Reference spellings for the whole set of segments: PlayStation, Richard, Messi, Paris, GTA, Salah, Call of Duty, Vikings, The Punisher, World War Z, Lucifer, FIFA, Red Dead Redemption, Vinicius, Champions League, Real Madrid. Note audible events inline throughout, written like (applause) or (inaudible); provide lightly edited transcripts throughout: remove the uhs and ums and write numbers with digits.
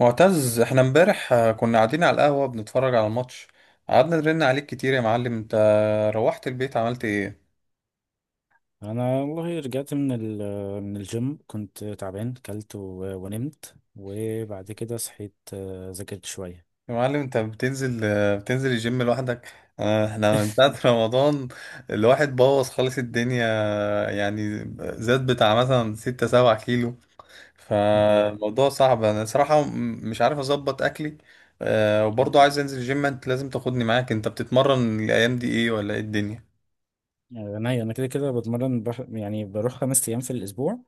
معتز، احنا امبارح كنا قاعدين على القهوة بنتفرج على الماتش. قعدنا نرن عليك كتير يا معلم. انت روحت البيت عملت ايه؟ انا والله رجعت من الجيم. كنت تعبان كلت ونمت وبعد كده صحيت، ذاكرت شويه. يا معلم، انت بتنزل الجيم لوحدك؟ احنا من ساعة (laughs) رمضان الواحد بوظ خالص الدنيا. يعني زاد بتاع مثلا ستة سبعة كيلو. (laughs) يا- فالموضوع صعب. انا صراحة مش عارف اظبط اكلي. وبرضه عايز انزل جيم. انت لازم تاخدني معاك. انت بتتمرن الايام دي ايه ولا ايه الدنيا؟ انا كده كده بتمرن بح، يعني بروح 5 ايام في الاسبوع.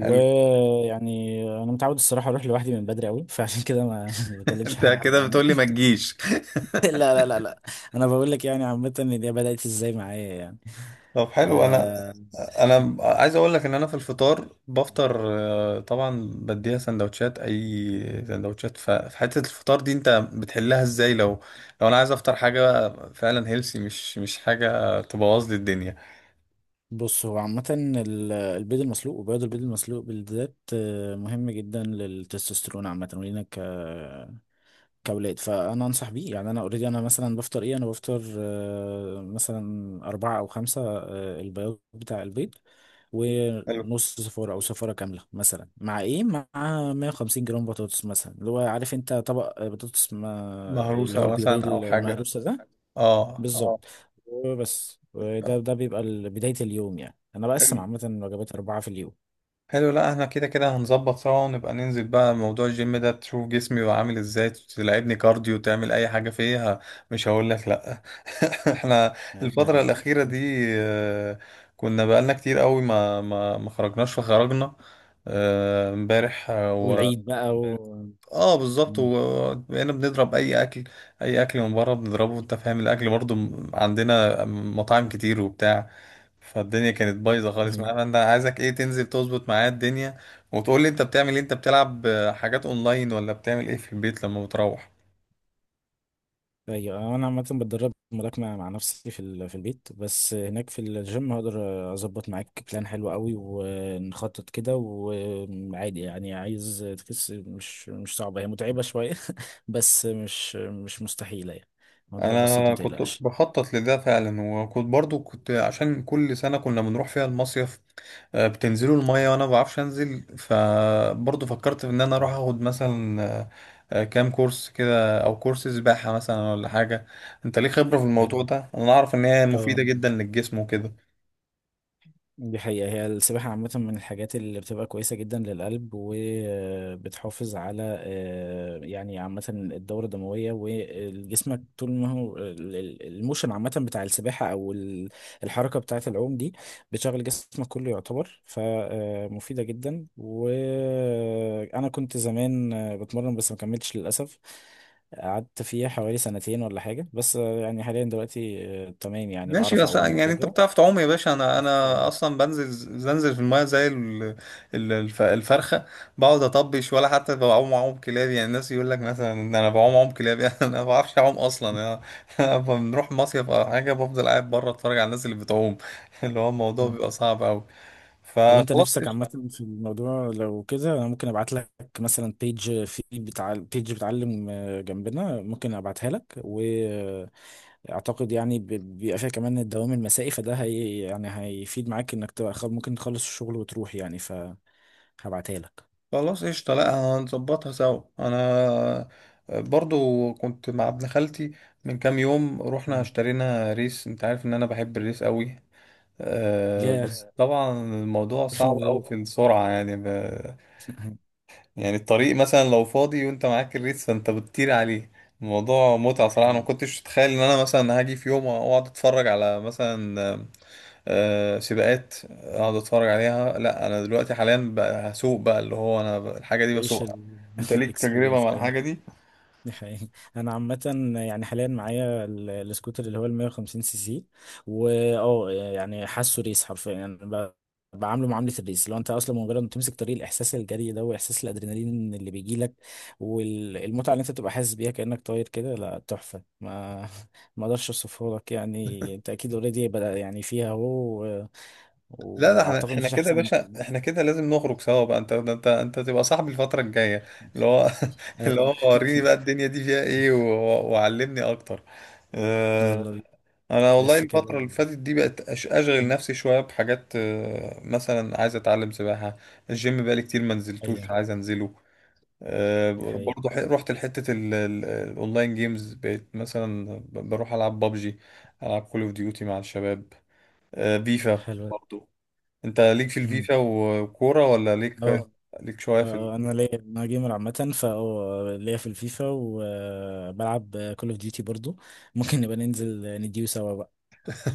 حلو. انا متعود الصراحه اروح لوحدي من بدري قوي، فعشان كده ما (laughs) ما (laughs) بكلمش انت حد كده يعني. بتقولي ما تجيش؟ (laughs) لا لا لا لا، انا بقول لك يعني عامه ان دي بدات ازاي معايا يعني. طب حلو. انا آه، انا عايز اقول لك ان انا في الفطار بفطر طبعا بديها سندوتشات، اي سندوتشات في حته الفطار دي انت بتحلها ازاي لو لو انا عايز افطر حاجه فعلا هيلسي، مش حاجه تبوظ لي الدنيا؟ بص، هو عامة البيض المسلوق وبياض البيض المسلوق بالذات مهم جدا للتستوستيرون عامة ولينا كأولاد، فأنا أنصح بيه. يعني أنا أوريدي أنا مثلا بفطر إيه، أنا بفطر مثلا أربعة أو خمسة البياض بتاع البيض، حلو. ونص صفارة أو صفارة كاملة مثلا، مع إيه، مع 150 جرام بطاطس مثلا، اللي هو عارف أنت طبق بطاطس ما، اللي هو مهروسه البيوريه مثلا او حاجه. المهروسة ده اه اه. بالظبط. وبس ده آه. ده بيبقى بداية اليوم. يعني أنا بقسم عامة الوجبات أربعة في اليوم، حلو. لا، احنا كده كده هنظبط سوا، ونبقى ننزل بقى موضوع الجيم ده تشوف جسمي بقى عامل ازاي، تلعبني كارديو، تعمل اي حاجة فيها. مش هقول لك لا. (laughs) احنا الفترة يعني. الأخيرة دي كنا بقالنا كتير قوي ما خرجناش، فخرجنا امبارح. والعيد بقى، تمام. و اه بالظبط. مم. وبقينا بنضرب اي اكل، اي اكل من بره بنضربه. انت فاهم؟ الاكل برضو عندنا مطاعم كتير وبتاع. فالدنيا كانت بايظه خالص هي- معانا. انا عايزك ايه، تنزل تظبط معايا الدنيا وتقول لي انت بتعمل ايه. انت بتلعب حاجات اونلاين ولا بتعمل ايه في البيت لما بتروح؟ أيوة. أنا عامة بتدرب ملاكمة مع نفسي في في البيت، بس هناك في الجيم هقدر أظبط معاك بلان حلو قوي، ونخطط كده، وعادي يعني. عايز تخس، مش صعبة، هي متعبة شوية (laughs) بس مش مستحيلة يعني. الموضوع بسيط، انا ما كنت تقلقش. بخطط لده فعلا، وكنت برضو عشان كل سنه كنا بنروح فيها المصيف بتنزلوا المية وانا ما بعرفش انزل. فبرضه فكرت ان انا اروح مم. اخد مثلا كام كورس كده او كورس سباحة مثلا ولا حاجة. انت ليه خبرة في الموضوع أيوة. ده. انا اعرف ان هي اه. مفيدة جدا للجسم وكده. دي حقيقة، هي السباحة عامة من الحاجات اللي بتبقى كويسة جدا للقلب، وبتحافظ على، يعني عامة، الدورة الدموية. وجسمك طول ما هو الموشن عامة بتاع السباحة أو الحركة بتاعة العوم دي، بتشغل جسمك كله يعتبر، فمفيدة جدا. وأنا كنت زمان بتمرن بس ما كملتش للأسف. قعدت فيها حوالي سنتين ولا حاجة، بس يعني حاليا دلوقتي تمام يعني، ماشي. بعرف بس أعوم يعني انت وكده. بتعرف تعوم يا باشا. انا اصلا بنزل في المايه زي الفرخه. بقعد اطبش ولا حتى بعوم عوم كلاب. يعني الناس يقول لك مثلا ان انا بعوم عوم كلاب. (laughs) يعني انا ما بعرفش اعوم اصلا يعني. انا بنروح مصيف او حاجه بفضل قاعد بره اتفرج على الناس اللي بتعوم. (laughs) اللي هو الموضوع بيبقى صعب قوي. طب، وانت فخلاص نفسك قشطه. عامة في الموضوع؟ لو كده، انا ممكن ابعت لك مثلا بيج، في بتاع بيج بتعلم جنبنا، ممكن ابعتها لك. واعتقد يعني بيبقى فيها كمان الدوام المسائي، فده هي يعني هيفيد معاك، انك تبقى ممكن تخلص الشغل وتروح يعني، فهبعتها لك. خلاص قشطه. لا، هنظبطها سوا. انا برضو كنت مع ابن خالتي من كام يوم، رحنا مم. اشترينا ريس. انت عارف ان انا بحب الريس قوي. بس يا طبعا الموضوع الف صعب أوي في مبروك. السرعة. يعني (laughs) يعني الطريق مثلا لو فاضي وانت معاك الريس فانت بتطير عليه. الموضوع متعة صراحة. انا ما كنتش اتخيل ان انا مثلا هاجي في يوم اقعد اتفرج على مثلا سباقات، اقعد اتفرج عليها. لا انا دلوقتي حاليا بقى هسوق بقى، اللي هو انا الحاجة دي تعيش. بسوقها. انت ليك تجربة الاكسبيرينس. مع (laughs) الحاجة دي؟ دي حقيقة، أنا عامة يعني حاليا معايا السكوتر اللي هو ال 150 سي سي، واه يعني حاسه ريس حرفيا، يعني بعامله معاملة الريس. لو أنت أصلا مجرد ما تمسك طريق، الإحساس الجري ده وإحساس الأدرينالين اللي بيجيلك، والمتعة اللي أنت بتبقى حاسس بيها كأنك طاير كده، لا تحفة. ما (laughs) ما أقدرش أوصفها لك يعني. أنت أكيد أوريدي بدأ يعني فيها أهو، لا لا، احنا وأعتقد مفيش كده يا أحسن من باشا، كده. احنا كده لازم نخرج سوا بقى. انت تبقى صاحبي الفترة الجاية. اللي هو (laughs) اللي أيوة. هو وريني بقى الدنيا دي فيها ايه وعلمني اكتر. اه، يلا بينا، انا والله نلف الفترة كده. اللي فاتت دي بقت اشغل نفسي شوية بحاجات. اه، مثلا عايز اتعلم سباحة. الجيم بقالي كتير ما نزلتوش، أيوه، عايز انزله. اه، دي حقيقة، برضه رحت لحتة الاونلاين جيمز، بقيت مثلا بروح العب بابجي، العب كول اوف ديوتي مع الشباب. اه، فيفا حلوة. برضه. انت ليك في أمم. الفيفا وكورة، ولا ليك اه، ليك شوية في ال...؟ انا ليا، انا جيمر عامه، فا ليا في الفيفا، وبلعب كول اوف ديوتي برضو. ممكن نبقى ننزل نديو سوا بقى.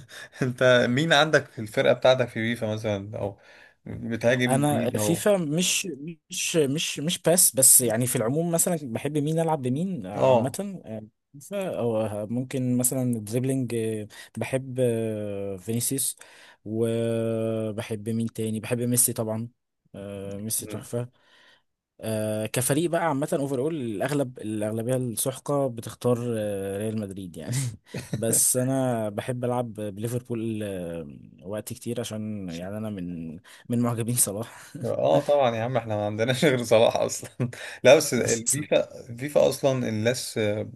(laughs) انت مين عندك في الفرقة بتاعتك في فيفا مثلا، او بتهاجم انا مين او...؟ فيفا مش باس، بس يعني في العموم، مثلا بحب مين العب بمين؟ اه. عامه فيفا، او ممكن مثلا دريبلينج. بحب فينيسيوس. وبحب مين تاني؟ بحب ميسي طبعا، ميسي مم. تحفه. كفريق بقى، عامة اوفر اول، الاغلبية السحقة بتختار ريال مدريد يعني. (laughs) بس (laughs) انا بحب العب بليفربول وقت كتير، عشان يعني انا من معجبين صلاح. اه طبعا يا عم، احنا ما عندناش غير صلاح اصلا. (laughs) لا بس (laughs) الفيفا، اصلا الناس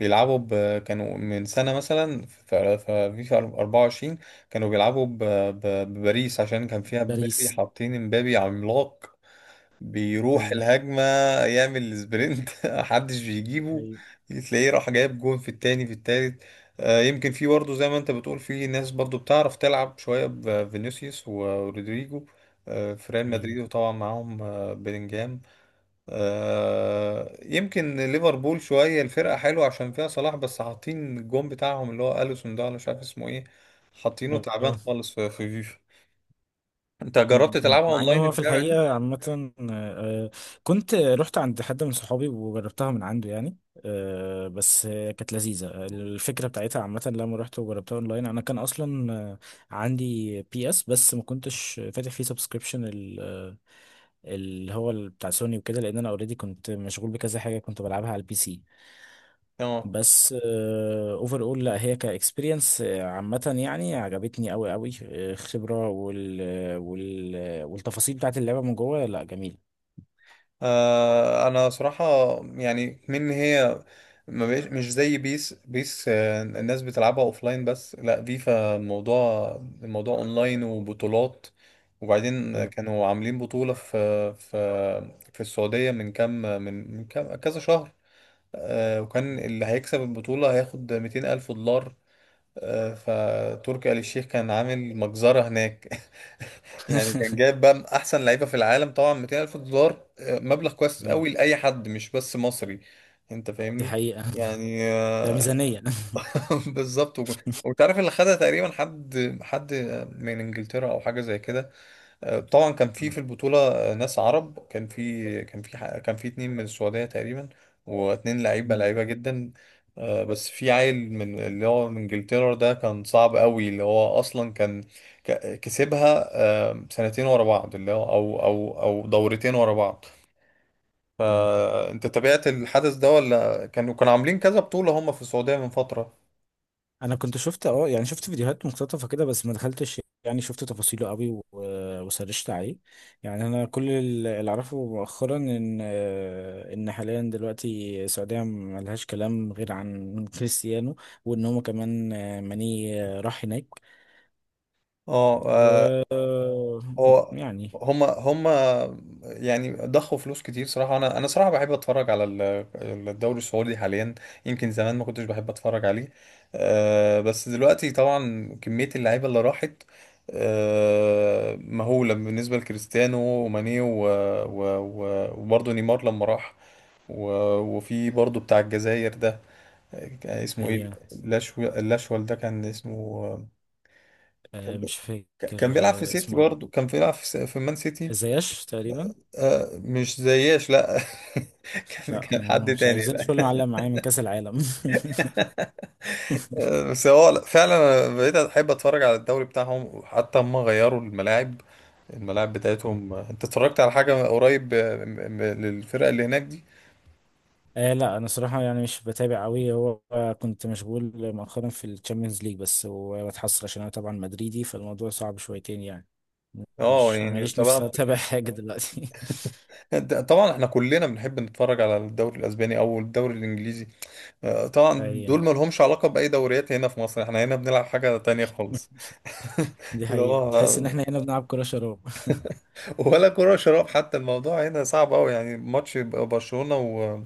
بيلعبوا كانوا من سنة مثلا في فيفا 24. كانوا بيلعبوا بباريس عشان كان فيها مبابي. باريس. حاطين مبابي عملاق، بيروح ايوه الهجمة، يعمل سبرنت. (laughs) محدش بيجيبه، ايوه تلاقيه راح جايب جون في التاني في التالت. يمكن في برضه زي ما انت بتقول، في ناس برضه بتعرف تلعب شوية بفينيسيوس ورودريجو في ريال مدريد، وطبعا معاهم بيلينجهام. يمكن ليفربول شوية الفرقة حلوة عشان فيها صلاح، بس حاطين الجون بتاعهم اللي هو أليسون ده، ولا مش عارف اسمه ايه. حاطينه تعبان ايوه. خالص في فيفا. انت جربت مم. تلعبها مع ان اونلاين هو في اللعبة دي؟ الحقيقه عامه كنت رحت عند حد من صحابي وجربتها من عنده، يعني بس كانت لذيذه الفكره بتاعتها عامه. لما رحت وجربتها اونلاين، انا كان اصلا عندي بي اس، بس ما كنتش فاتح فيه سبسكريبشن، اللي هو بتاع سوني وكده، لان انا اوريدي كنت مشغول بكذا حاجه، كنت بلعبها على البي سي. اه بس اوفر اول، لا هي كاكسبيرينس عامة، يعني عجبتني قوي قوي، خبرة والتفاصيل بتاعت اللعبة من جوه، لا جميلة. انا صراحة يعني من هي ما بقاش مش زي بيس. بيس الناس بتلعبها اوفلاين بس. لا فيفا الموضوع، الموضوع اونلاين وبطولات. وبعدين آه. كانوا عاملين بطولة في في السعودية من كام من كام كذا شهر. وكان اللي هيكسب البطولة هياخد 200 ألف دولار. فتركي آل الشيخ كان عامل مجزرة هناك. (laughs) يعني كان (laughs) جايب بقى أحسن لعيبة في العالم. طبعا 200 ألف دولار مبلغ كويس قوي لأي حد، مش بس مصري. أنت دي فاهمني؟ حقيقة، يعني ده ميزانية. (laughs) بالظبط. وتعرف اللي خدها تقريبا حد من إنجلترا أو حاجة زي كده. طبعا كان في البطولة ناس عرب. كان في اتنين من السعودية تقريبا، واتنين لعيبة لعيبة جدا. بس في عيل من اللي هو من انجلترا ده كان صعب قوي، اللي هو اصلا كان كسبها سنتين ورا بعض، اللي هو او دورتين ورا بعض. (laughs) فانت تابعت الحدث ده، ولا كانوا عاملين كذا بطولة هم في السعودية من فترة؟ انا كنت شفت، يعني، شفت فيديوهات مقتطفه كده، بس ما دخلتش، يعني شفت تفاصيله قوي وسرشت عليه. يعني انا كل اللي اعرفه مؤخرا، ان حاليا دلوقتي السعوديه ما لهاش كلام غير عن كريستيانو، وان هما كمان ماني راح هناك. اه و آه، هو يعني هما يعني ضخوا فلوس كتير صراحة. أنا صراحة بحب أتفرج على الدوري السعودي حاليا. يمكن زمان ما كنتش بحب أتفرج عليه، أه. بس دلوقتي طبعا كمية اللعيبة اللي راحت أه مهولة، بالنسبة لكريستيانو وماني وبرضه نيمار لما راح. وفي برضه بتاع الجزائر ده، كان اسمه إيه؟ هي لاشو، اللاشوال ده كان اسمه. كان مش كان فاكر بيلعب في سيتي، اسمه إيه؟ برضه كان بيلعب في مان سيتي. زياش تقريبا؟ مش زياش لا. (laughs) كان لا كان حد مش عايز تاني. لا زياش، ولا معلم معايا من كاس العالم. بس هو لا، فعلا أنا بقيت احب اتفرج على الدوري بتاعهم، وحتى هم غيروا الملاعب، الملاعب بتاعتهم. (laughs) انت اتفرجت على حاجة قريب للفرقة اللي هناك دي؟ آه لا، انا صراحه يعني مش بتابع قوي. هو كنت مشغول مؤخرا في الشامبيونز ليج بس، وبتحسر عشان انا طبعا مدريدي، فالموضوع صعب شويتين يعني، اه مش يعني ماليش نفسي طبعا. اتابع حاجه دلوقتي. طبعا احنا كلنا بنحب نتفرج على الدوري الاسباني او الدوري الانجليزي. طبعا (laughs) دول ما ايوه، لهمش علاقة باي دوريات هنا في مصر. احنا هنا بنلعب حاجة تانية خالص. دي (laughs) اللي حقيقه، تحس هو ان احنا هنا بنلعب كره شراب. ولا كرة شراب حتى. الموضوع هنا صعب أوي. يعني ماتش برشلونة و...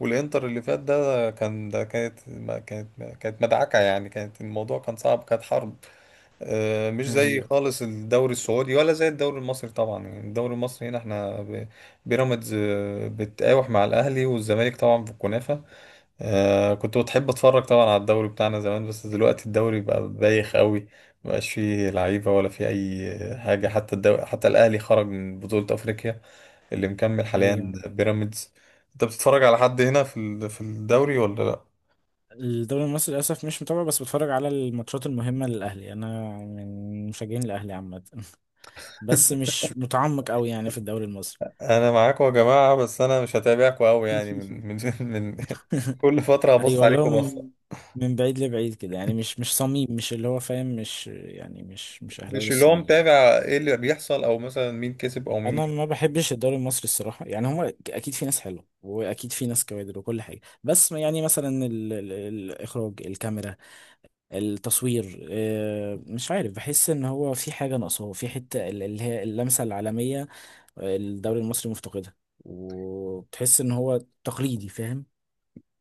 والإنتر اللي فات ده كانت ما كانت ما كانت مدعكة يعني كانت، الموضوع كان صعب، كانت حرب. (laughs) مش زي ايوه خالص الدوري السعودي، ولا زي الدوري المصري طبعا. يعني الدوري المصري هنا احنا بيراميدز بتقاوح مع الأهلي والزمالك، طبعا في الكنافة. كنت بتحب اتفرج طبعا على الدوري بتاعنا زمان، بس دلوقتي الدوري بقى بايخ قوي. مبقاش فيه لعيبة ولا فيه اي حاجة. حتى الدوري، حتى الاهلي خرج من بطولة افريقيا، اللي مكمل حاليا ايوه. بيراميدز. انت بتتفرج على حد هنا في الدوري ولا لا؟ الدوري المصري للاسف مش متابع، بس بتفرج على الماتشات المهمه للاهلي، انا من مشجعين الاهلي عامه. (laughs) بس مش متعمق قوي يعني في الدوري المصري. انا معاكم يا جماعة، بس انا مش هتابعكم قوي. يعني من (laughs) من (laughs) من كل فترة هبص ايوه، اللي هو عليكم من بصة. من بعيد لبعيد كده يعني، مش صميم، مش اللي هو فاهم، مش يعني مش اهلاوي مش اللي هو الصميم. متابع ايه اللي بيحصل، او مثلا مين كسب او مين. انا ما بحبش الدوري المصري الصراحه يعني. هما اكيد في ناس حلوه، واكيد في ناس كوادر وكل حاجه، بس يعني مثلا ال الاخراج، الكاميرا، التصوير، مش عارف، بحس ان هو في حاجه ناقصاه في حته اللي هي اللمسه العالميه. الدوري المصري مفتقدها، وبتحس ان هو تقليدي، فاهم؟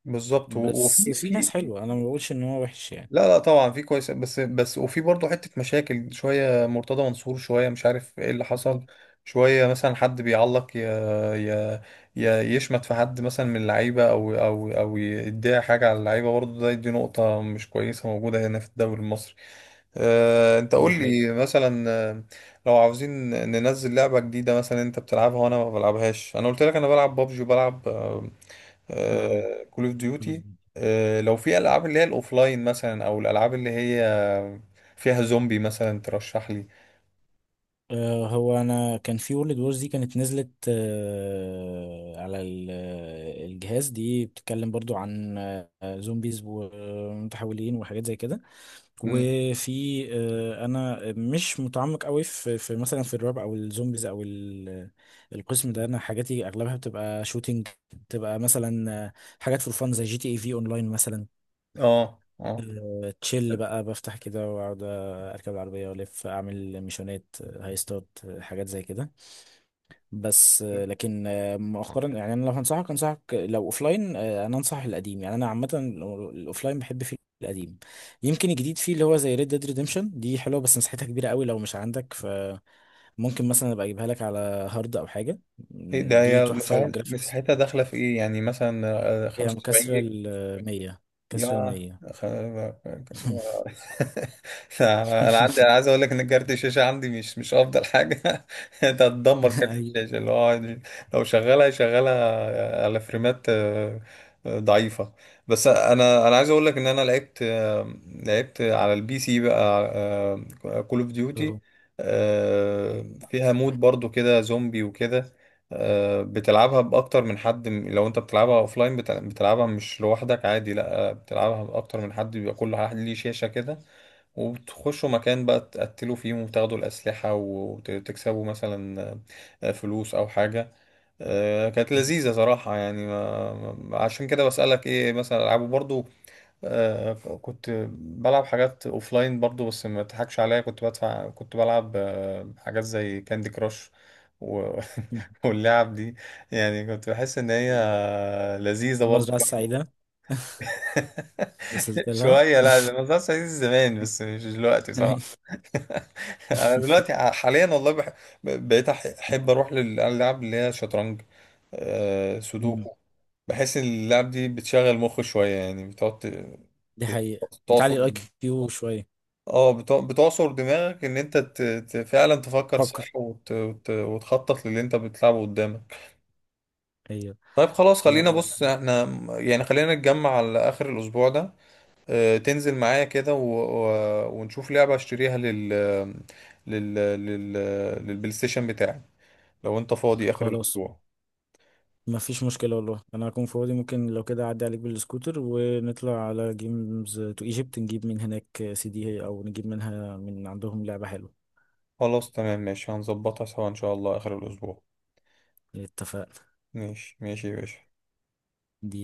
بالظبط. بس وفي في ناس في حلوه، انا ما بقولش ان هو وحش يعني. لا لا، طبعا في كويس بس، وفي برضه حتة مشاكل. شوية مرتضى منصور، شوية مش عارف ايه اللي حصل. مم. شوية مثلا حد بيعلق ي... يشمت في حد مثلا من اللعيبة، أو يديها حاجة على اللعيبة. برضه ده، دي نقطة مش كويسة موجودة هنا في الدوري المصري. أه... أنت قول دي حقيقة، لي مثلا لو عاوزين ننزل لعبة جديدة مثلا أنت بتلعبها وأنا ما بلعبهاش. أنا قلت لك أنا بلعب بابجي وبلعب اه. كول اوف خلاص ديوتي. بقى. لو في العاب اللي هي الاوفلاين مثلا، او الالعاب اللي هي فيها زومبي مثلا، ترشح لي. هو انا كان في وورلد وورز دي، كانت نزلت على الجهاز. دي بتتكلم برضو عن زومبيز ومتحولين وحاجات زي كده. مم. وفي انا مش متعمق قوي في مثلا في الرعب او الزومبيز او القسم ده. انا حاجاتي اغلبها بتبقى شوتينج، بتبقى مثلا حاجات فور فان زي جي تي اي في اونلاين مثلا. اه اه. تشيل بقى، بفتح كده واقعد اركب العربيه والف اعمل ميشونات، هاي ستارت، حاجات زي كده. بس لكن مؤخرا يعني، انا لو هنصحك، انصحك لو اوفلاين انا انصح القديم. يعني انا عامه الاوفلاين بحب فيه القديم. يمكن الجديد فيه اللي هو زي ريد ديد ريديمشن دي، حلوه بس مساحتها كبيره قوي، لو مش عندك، فممكن مثلا ابقى اجيبها لك على هارد او حاجه. ده دي هي تحفه، والجرافيكس مساحتها بتاعتها داخلة في تحفه. ايه؟ يعني مثلا هي 75 مكسره جيجا؟ ال 100، كسره ال يا 100. خ- (laughs) انا عندي، انا عايز اقول لك ان كارت الشاشه عندي مش افضل حاجه. (laughs) انت هتدمر كارت (laughs) الشاشه، اللي هو لو شغالها على فريمات ضعيفه. بس انا عايز اقول لك ان انا لعبت على البي سي بقى كول اوف أوه. ديوتي. فيها مود برضو كده زومبي وكده. بتلعبها باكتر من حد لو انت بتلعبها اوفلاين. بتلعبها مش لوحدك، عادي. لا بتلعبها بأكتر من حد، بيبقى كل واحد ليه شاشة كده. وبتخشوا مكان بقى، تقتلوا فيهم وتاخدوا الأسلحة، وتكسبوا مثلا فلوس أو حاجة. كانت لذيذة صراحة. يعني عشان كده بسألك إيه مثلا ألعبه برضو. آه، كنت بلعب حاجات أوفلاين برضو، بس ما تضحكش عليا. كنت بدفع، كنت بلعب حاجات زي كاندي كراش و... (laughs) واللعب دي. يعني كنت بحس إن هي لذيذة برضو. المزرعة السعيدة (laughs) وصلت لها. شوية، لا الموضوع صعيدي زمان، بس مش دلوقتي صراحة. (laughs) (laughs) أنا دلوقتي حاليا والله بقيت أحب أروح للألعاب اللي هي شطرنج، مم. سودوكو. بحس إن اللعب دي بتشغل مخ شوية. يعني بتقعد دي ت- حقيقة، تعصر. بتعلي الاي كيو شوية. اه بتعصر دماغك، إن أنت فعلا تفكر فكر، صح وتخطط للي أنت بتلعبه قدامك. ايوه. طيب خلاص، لا خلينا لا، بص احنا، يعني خلينا نتجمع على آخر الأسبوع ده. تنزل معايا كده ونشوف لعبة اشتريها لل... لل... للبلاي ستيشن بتاعي، لو انت فاضي اخر خلاص. الاسبوع. ما فيش مشكلة والله، انا هكون فاضي. ممكن لو كده اعدي عليك بالسكوتر، ونطلع على جيمز تو ايجيبت نجيب من هناك سي دي، او نجيب منها من عندهم لعبة حلوة. خلاص تمام ماشي. هنظبطها سوا ان شاء الله اخر الاسبوع. اتفقنا. ماشي ماشي يا باشا. دي